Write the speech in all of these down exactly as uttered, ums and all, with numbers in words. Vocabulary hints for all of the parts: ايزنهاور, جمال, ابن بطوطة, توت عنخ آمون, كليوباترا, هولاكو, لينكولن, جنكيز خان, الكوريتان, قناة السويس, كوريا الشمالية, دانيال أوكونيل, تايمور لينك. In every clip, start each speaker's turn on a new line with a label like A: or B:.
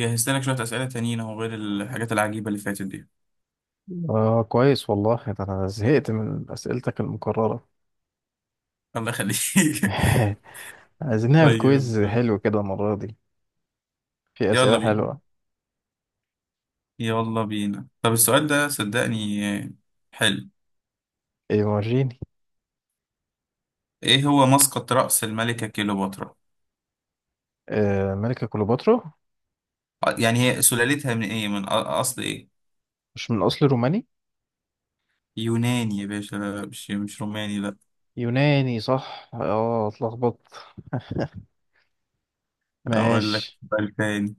A: جهزت لك شوية أسئلة تانيين أهو، غير الحاجات العجيبة اللي فاتت دي.
B: آه، كويس والله، ده أنا زهقت من أسئلتك المكررة.
A: الله يخليك.
B: عايزين نعمل
A: طيب.
B: كويز حلو كده المرة دي. في
A: يلا
B: أسئلة
A: بينا،
B: حلوة.
A: يلا بينا. طب السؤال ده، صدقني، حلو.
B: إيه؟ وريني.
A: إيه هو مسقط رأس الملكة كليوباترا؟
B: آه، ملكة كليوباترا.
A: آه، يعني هي سلالتها من إيه؟ من أ- أصل إيه؟
B: مش من أصل روماني؟
A: يوناني يا باشا، لا مش مش روماني، لا.
B: يوناني صح، اه اتلخبطت.
A: أقول لك
B: ماشي.
A: سؤال تاني.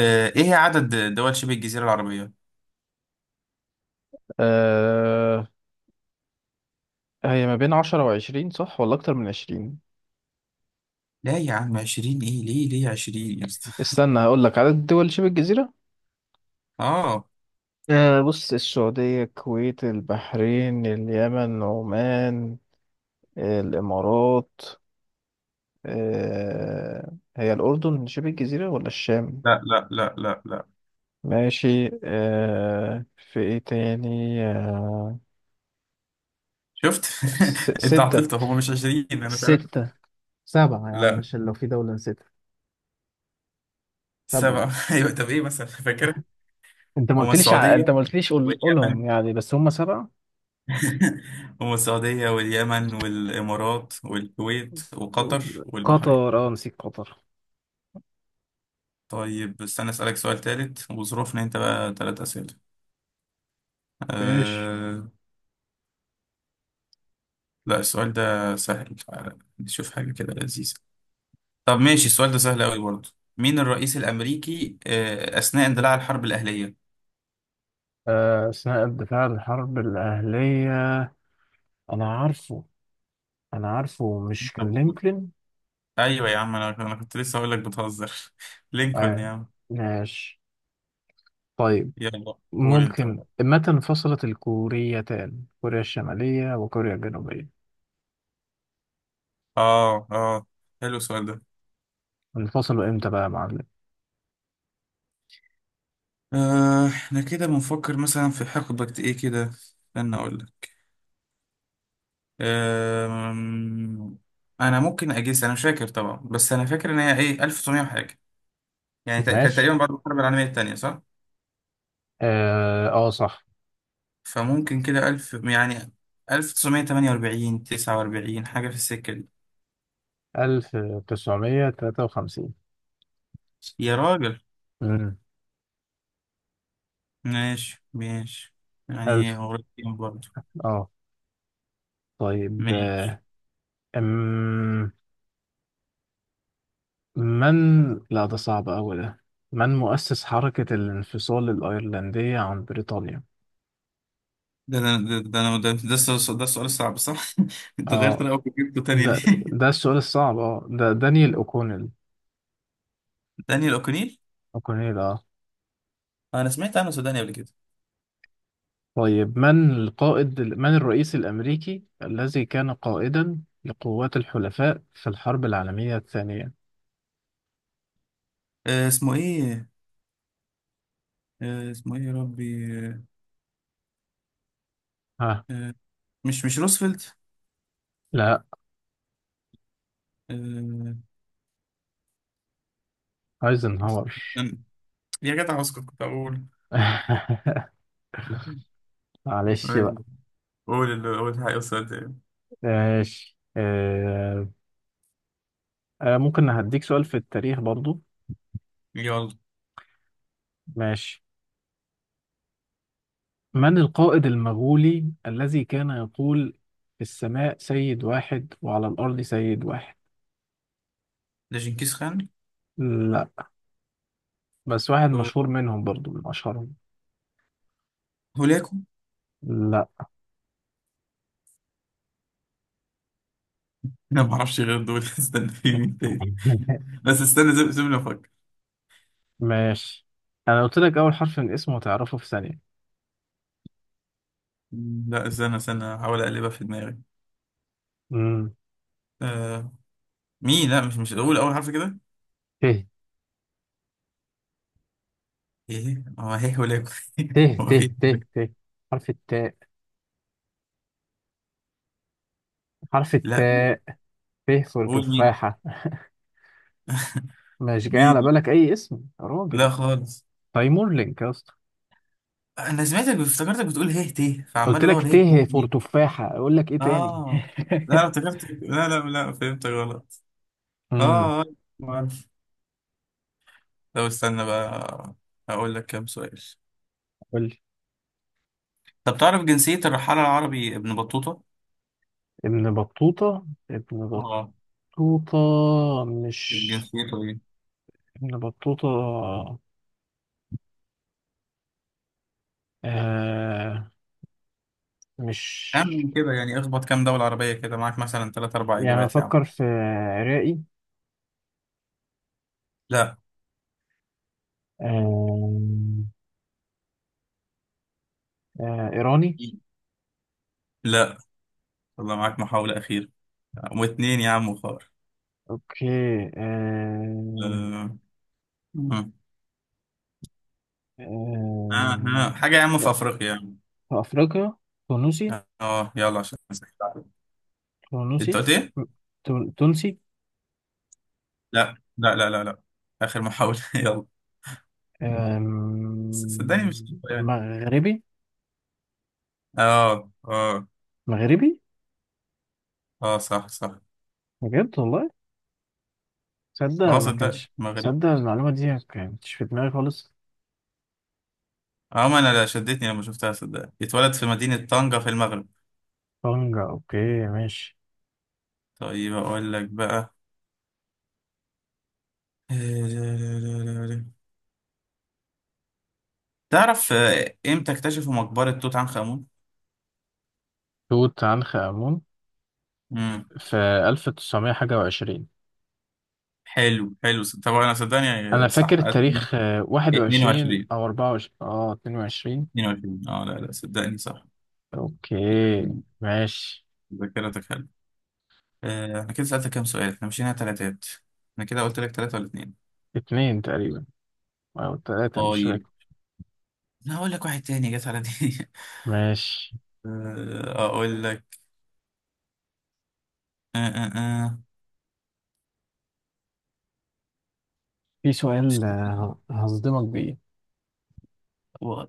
A: آه، إيه عدد دول شبه الجزيرة العربية؟
B: آه، هي ما بين عشرة وعشرين صح، ولا أكتر من عشرين؟
A: لا يا عم، عشرين إيه؟ ليه ليه عشرين يا اسطى؟
B: استنى هقول لك عدد الدول شبه الجزيرة.
A: آه
B: آه، بص: السعودية، الكويت، البحرين، اليمن، عمان، الإمارات. آه، هي الأردن شبه الجزيرة ولا الشام؟
A: لا لا لا لا لا.
B: ماشي. آه، في إيه تاني؟ آه،
A: شفت؟
B: س-
A: انت
B: ستة.
A: عطلت، هم مش عشرين، انا مش عارف.
B: ستة، سبعة يا عم،
A: لا،
B: عشان لو في دولة ستة. طب
A: سبعة. ايوه، طب ايه مثلا؟ فاكر؟
B: انت ما
A: هم
B: قلتليش، ع- انت
A: السعودية
B: ما قلتليش، قول...
A: واليمن.
B: قولهم يعني، بس هم سبعة.
A: هم السعودية واليمن والامارات والكويت وقطر والبحرين.
B: قطر، اه نسيت قطر.
A: طيب استنى اسألك سؤال ثالث، وظروفنا انت بقى ثلاث اسئلة.
B: ماشي.
A: أه... لا، السؤال ده سهل، تعالى نشوف حاجة كده لذيذة. طب ماشي، السؤال ده سهل قوي برضه. مين الرئيس الامريكي آه، اثناء اندلاع الحرب الاهلية؟
B: آه، أثناء الدفاع عن الحرب الأهلية، أنا عارفه، أنا عارفه مش كان لينكولن؟
A: ايوه يا عم، انا انا كنت لسه هقول لك، بتهزر. لينكولن
B: آه.
A: يا عم.
B: ماشي. طيب،
A: يلا قول انت
B: ممكن
A: بقى.
B: متى انفصلت الكوريتان، كوريا الشمالية وكوريا الجنوبية؟
A: اه اه حلو السؤال ده.
B: انفصلوا امتى بقى يا معلم؟
A: آه احنا كده بنفكر مثلا في حقبة ايه كده، استنى اقول لك. آه انا ممكن اجيس، انا مش فاكر طبعا، بس انا فاكر ان هي ايه ألف وتسعمية وحاجه. يعني تق- كان
B: ماشي.
A: تقريبا بعد الحرب العالميه الثانيه، صح؟
B: اه آه، صح.
A: فممكن كده ألف يعني، تمانية وأربعين تسعة وأربعين حاجه في السكه دي.
B: ألف تسعمية وثلاثة وخمسين.
A: يا راجل.
B: امم
A: ماشي ماشي. يعني
B: ألف.
A: قريب برضه.
B: اه طيب.
A: ماشي.
B: آه، أم... من لا، ده صعب أوي ده. من مؤسس حركة الانفصال الأيرلندية عن بريطانيا؟
A: ده ده ده ده أنا- ده, ده, السؤال- ده السؤال الصعب، صح؟ أنت غيرت
B: اه
A: رأيك وجبته تاني
B: ده
A: ليه؟
B: ده السؤال الصعب. اه ده دانيال أوكونيل.
A: دانيال أوكونيل؟
B: أوكونيل، اه
A: آه، أنا سمعت عنه سوداني قبل كده.
B: طيب. من القائد من الرئيس الأمريكي الذي كان قائدا لقوات الحلفاء في الحرب العالمية الثانية؟
A: آه اسمه إيه؟ آه اسمه إيه يا ربي؟ آه
B: ها.
A: آه، مش مش روزفلت؟
B: لا.
A: آه
B: ايزنهاور.
A: أنا- يا جدع اسكت، كنت أقول.
B: معلش بقى.
A: أيوة. قول اللي قول حاجة أستاذ يعني.
B: ماشي. آه آه ممكن هديك سؤال في التاريخ برضو.
A: يلا.
B: ماشي. من القائد المغولي الذي كان يقول في السماء سيد واحد وعلى الأرض سيد واحد؟
A: ده جنكيز خان.
B: لا، بس واحد
A: آه،
B: مشهور منهم برضو، من أشهرهم.
A: هولاكو.
B: لا.
A: أنا ما أعرفش غير دول. استنى، في مين تاني؟ بس استنى، سيب- سيبني أفكر.
B: ماشي. انا قلت لك اول حرف من اسمه هتعرفه في ثانية.
A: لا، استنى استنى، أحاول أقلبها في دماغي.
B: امم
A: آه، مي، لا، مش مش قول اول حرف كده.
B: ت.
A: ايه هو، هيه ولا يكون
B: ت. ت.
A: هو في.
B: ت. ت. حرف التاء. حرف
A: لا.
B: التاء. ت، صورة
A: قول مي.
B: تفاحة. مش جاي
A: مي
B: على
A: دي.
B: بالك أي اسم يا راجل؟
A: لا خالص.
B: تايمور لينك يا اسطى.
A: انا سمعتك افتكرتك بتقول هيه تيه،
B: قلت
A: فعمال
B: لك
A: ادور هيه
B: ت،
A: تيه
B: فور
A: مين.
B: تفاحة، أقول لك إيه تاني.
A: اه لا، أنا افتكرت، لا لا لا، فهمت غلط.
B: امم.
A: اه آه، ما اعرف. طب استنى بقى، هقول لك كام سؤال.
B: قول لي.
A: طب تعرف جنسية الرحالة العربي ابن بطوطة؟
B: ابن بطوطة، ابن
A: اه
B: بطوطة،
A: كانت
B: مش...
A: جنسيته ايه؟
B: ابن بطوطة آه مش...
A: أعمل كده يعني، اخبط كام دولة عربية كده معاك، مثلا ثلاث أربع
B: يعني
A: إجابات يا عم.
B: أفكر في رائي.
A: لا.
B: آه آه، إيراني.
A: لا، والله معاك محاولة أخيرة. واتنين يا عم خار.
B: أوكي. آه
A: آه. آه.
B: آه
A: آه. حاجة يا عم في
B: آه،
A: أفريقيا يا عم.
B: في أفريقيا. تونسي.
A: اه يلا عشان أسهل عليك.
B: تونسي.
A: انت قلت ايه؟
B: تون- تونسي.
A: لا لا لا لا لا. آخر محاولة. يلا.
B: آم،
A: ص- صدقني، مش يعني.
B: مغربي.
A: اه اه
B: مغربي،
A: اه صح صح.
B: بجد والله. تصدق؟
A: اه
B: ما
A: صدقت،
B: كانش،
A: مغرب.
B: تصدق، المعلومة دي ما كانتش في دماغي خالص.
A: اه ما انا لا شدتني لما شفتها، صدق. اتولد في مدينة طنجة في المغرب.
B: طنجة. أوكي، ماشي.
A: طيب اقول لك بقى. آه، تعرف آه، امتى اكتشفوا مقبرة توت عنخ آمون؟
B: توت عنخ آمون.
A: امم
B: في ألف تسعمية حاجة وعشرين.
A: حلو حلو، طبعا انا
B: أنا
A: صدقني
B: فاكر
A: صح.
B: التاريخ، آه، واحد وعشرين
A: اتنين وعشرين
B: أو أربعة وعشرين، أه اتنين وعشرين.
A: اتنين وعشرين، اه لا لا، صدقني صح.
B: اوكي، ماشي.
A: ذاكرتك حلوة. آه، احنا كده سألتك كام سؤال، احنا مشينا تلاتات. انا كده قلت لك تلاتة ولا اتنين؟
B: اتنين تقريبا او تلاتة، مش
A: طيب
B: فاكر.
A: انا هقول لك واحد تاني جت على دي.
B: ماشي.
A: آه، اقول لك. اه اه اه
B: في سؤال آه، هصدمك بيه.
A: و- اه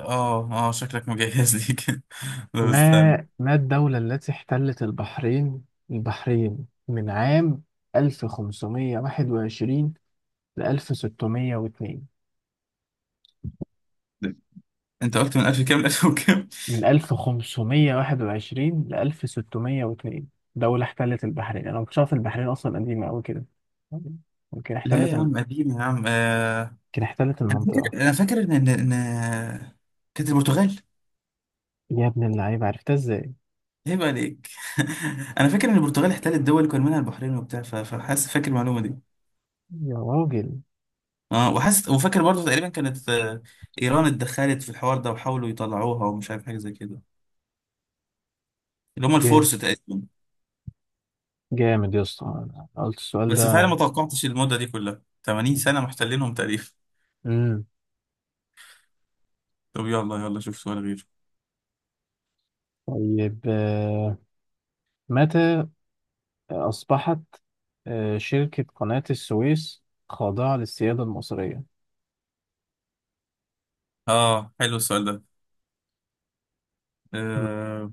A: آه، آه، شكلك مجهز لي كده. طب
B: ما
A: استنى،
B: ما الدولة التي احتلت البحرين، البحرين من عام ألف خمسمية وواحد وعشرين ل ألف وستمية واتنين؟
A: انت قلت من ألف كام ل ألف وكام؟
B: من ألف خمسمية وواحد وعشرين ل ألف وستمية واتنين. دولة احتلت البحرين! انا ما كنتش عارف البحرين اصلا قديمة قوي كده. ممكن
A: لا
B: احتلت
A: يا
B: الم-
A: عم، قديم يا عم. آه،
B: ممكن احتلت
A: انا
B: المنطقة.
A: فاكر انا فاكر ان ان إن- كانت البرتغال.
B: يا ابن اللعيبة، عرفتها ازاي؟
A: عيب عليك. انا فاكر ان البرتغال احتلت دول كان منها البحرين وبتاع. ف- فحاسس فاكر المعلومه دي.
B: يا راجل.
A: اه وحاسس وفاكر برضه تقريبا كانت آه، ايران اتدخلت في الحوار ده، وحاولوا يطلعوها، ومش عارف حاجه زي كده. اللي هم
B: جامد.
A: الفرس تقريبا.
B: جامد يا اسطى، أنا قلت السؤال
A: بس فعلا
B: ده.
A: ما توقعتش المده دي كلها تمانين سنه محتلينهم تقريبا.
B: امم.
A: طب يلا، يلا شوف سؤال غيره.
B: طيب، آه، متى أصبحت آه، شركة قناة السويس خاضعة للسيادة المصرية؟
A: اه حلو السؤال ده.
B: مم.
A: أه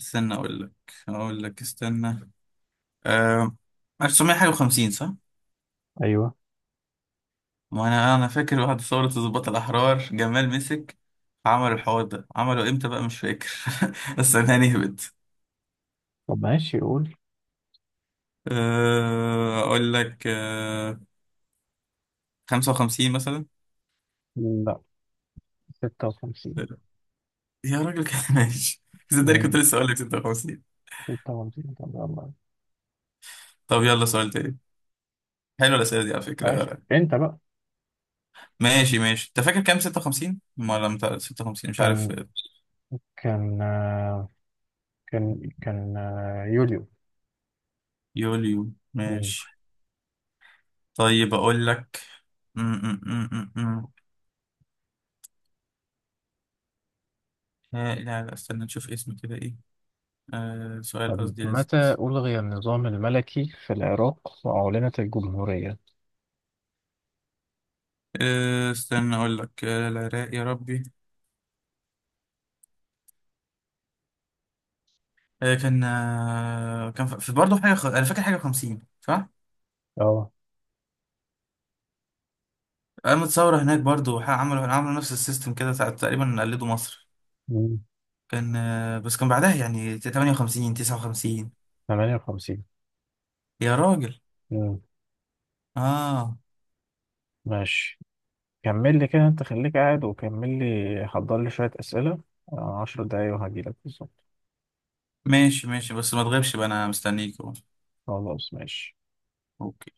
A: استنى، اقول لك اقول لك استنى. أه ألف وتسعمية وخمسين، صح؟
B: أيوه.
A: ما انا انا فاكر بعد ثورة الضباط الاحرار، جمال مسك عمل الحوار ده، عمله امتى بقى مش فاكر. بس انا نهبت.
B: طب ماشي، قول.
A: أه، اقول لك أه، خمسة وخمسين مثلا.
B: لا، ستة وخمسين.
A: يا راجل كده. ماشي. صدقني كنت
B: مم.
A: لسه اقول لك ستة وخمسين.
B: ستة وخمسين. طب يلا.
A: طب يلا سؤال تاني. حلوه الاسئله دي على
B: ماشي،
A: فكره.
B: أنت بقى.
A: ماشي ماشي، انت فاكر كام؟ ستة وخمسين. ما لم تعرف ستة وخمسين، مش عارف.
B: كان كان آه، كان كان آه، يوليو.
A: يوليو
B: مم.
A: ماشي. طيب اقول لك. م- م- م- م- م. ها- لا لا، استنى نشوف اسمه كده ايه. آه سؤال
B: طب
A: قصدي لذيذ.
B: متى ألغي النظام الملكي في العراق وأعلنت الجمهورية؟
A: آه استنى أقول لك. آه العراق يا ربي. آه كان آه كان ف- في برضه حاجة خ... أنا فاكر حاجة خمسين، صح؟
B: اه.
A: قامت ثورة هناك برضه، وح- عملوا عملوا نفس السيستم كده، تع- تقريبا قلدوا مصر.
B: مم.
A: كان آه بس كان بعدها يعني تمانية وخمسين تسعة وخمسين.
B: تمانية وخمسين.
A: يا راجل.
B: مم.
A: آه
B: ماشي. كمل لي كده، انت خليك قاعد وكمل لي، حضر لي شوية أسئلة. آه، عشر دقايق وهجيلك بالظبط.
A: ماشي ماشي. بس ما تغيبش بقى، أنا مستنيك أهو.
B: خلاص، ماشي.
A: أوكي.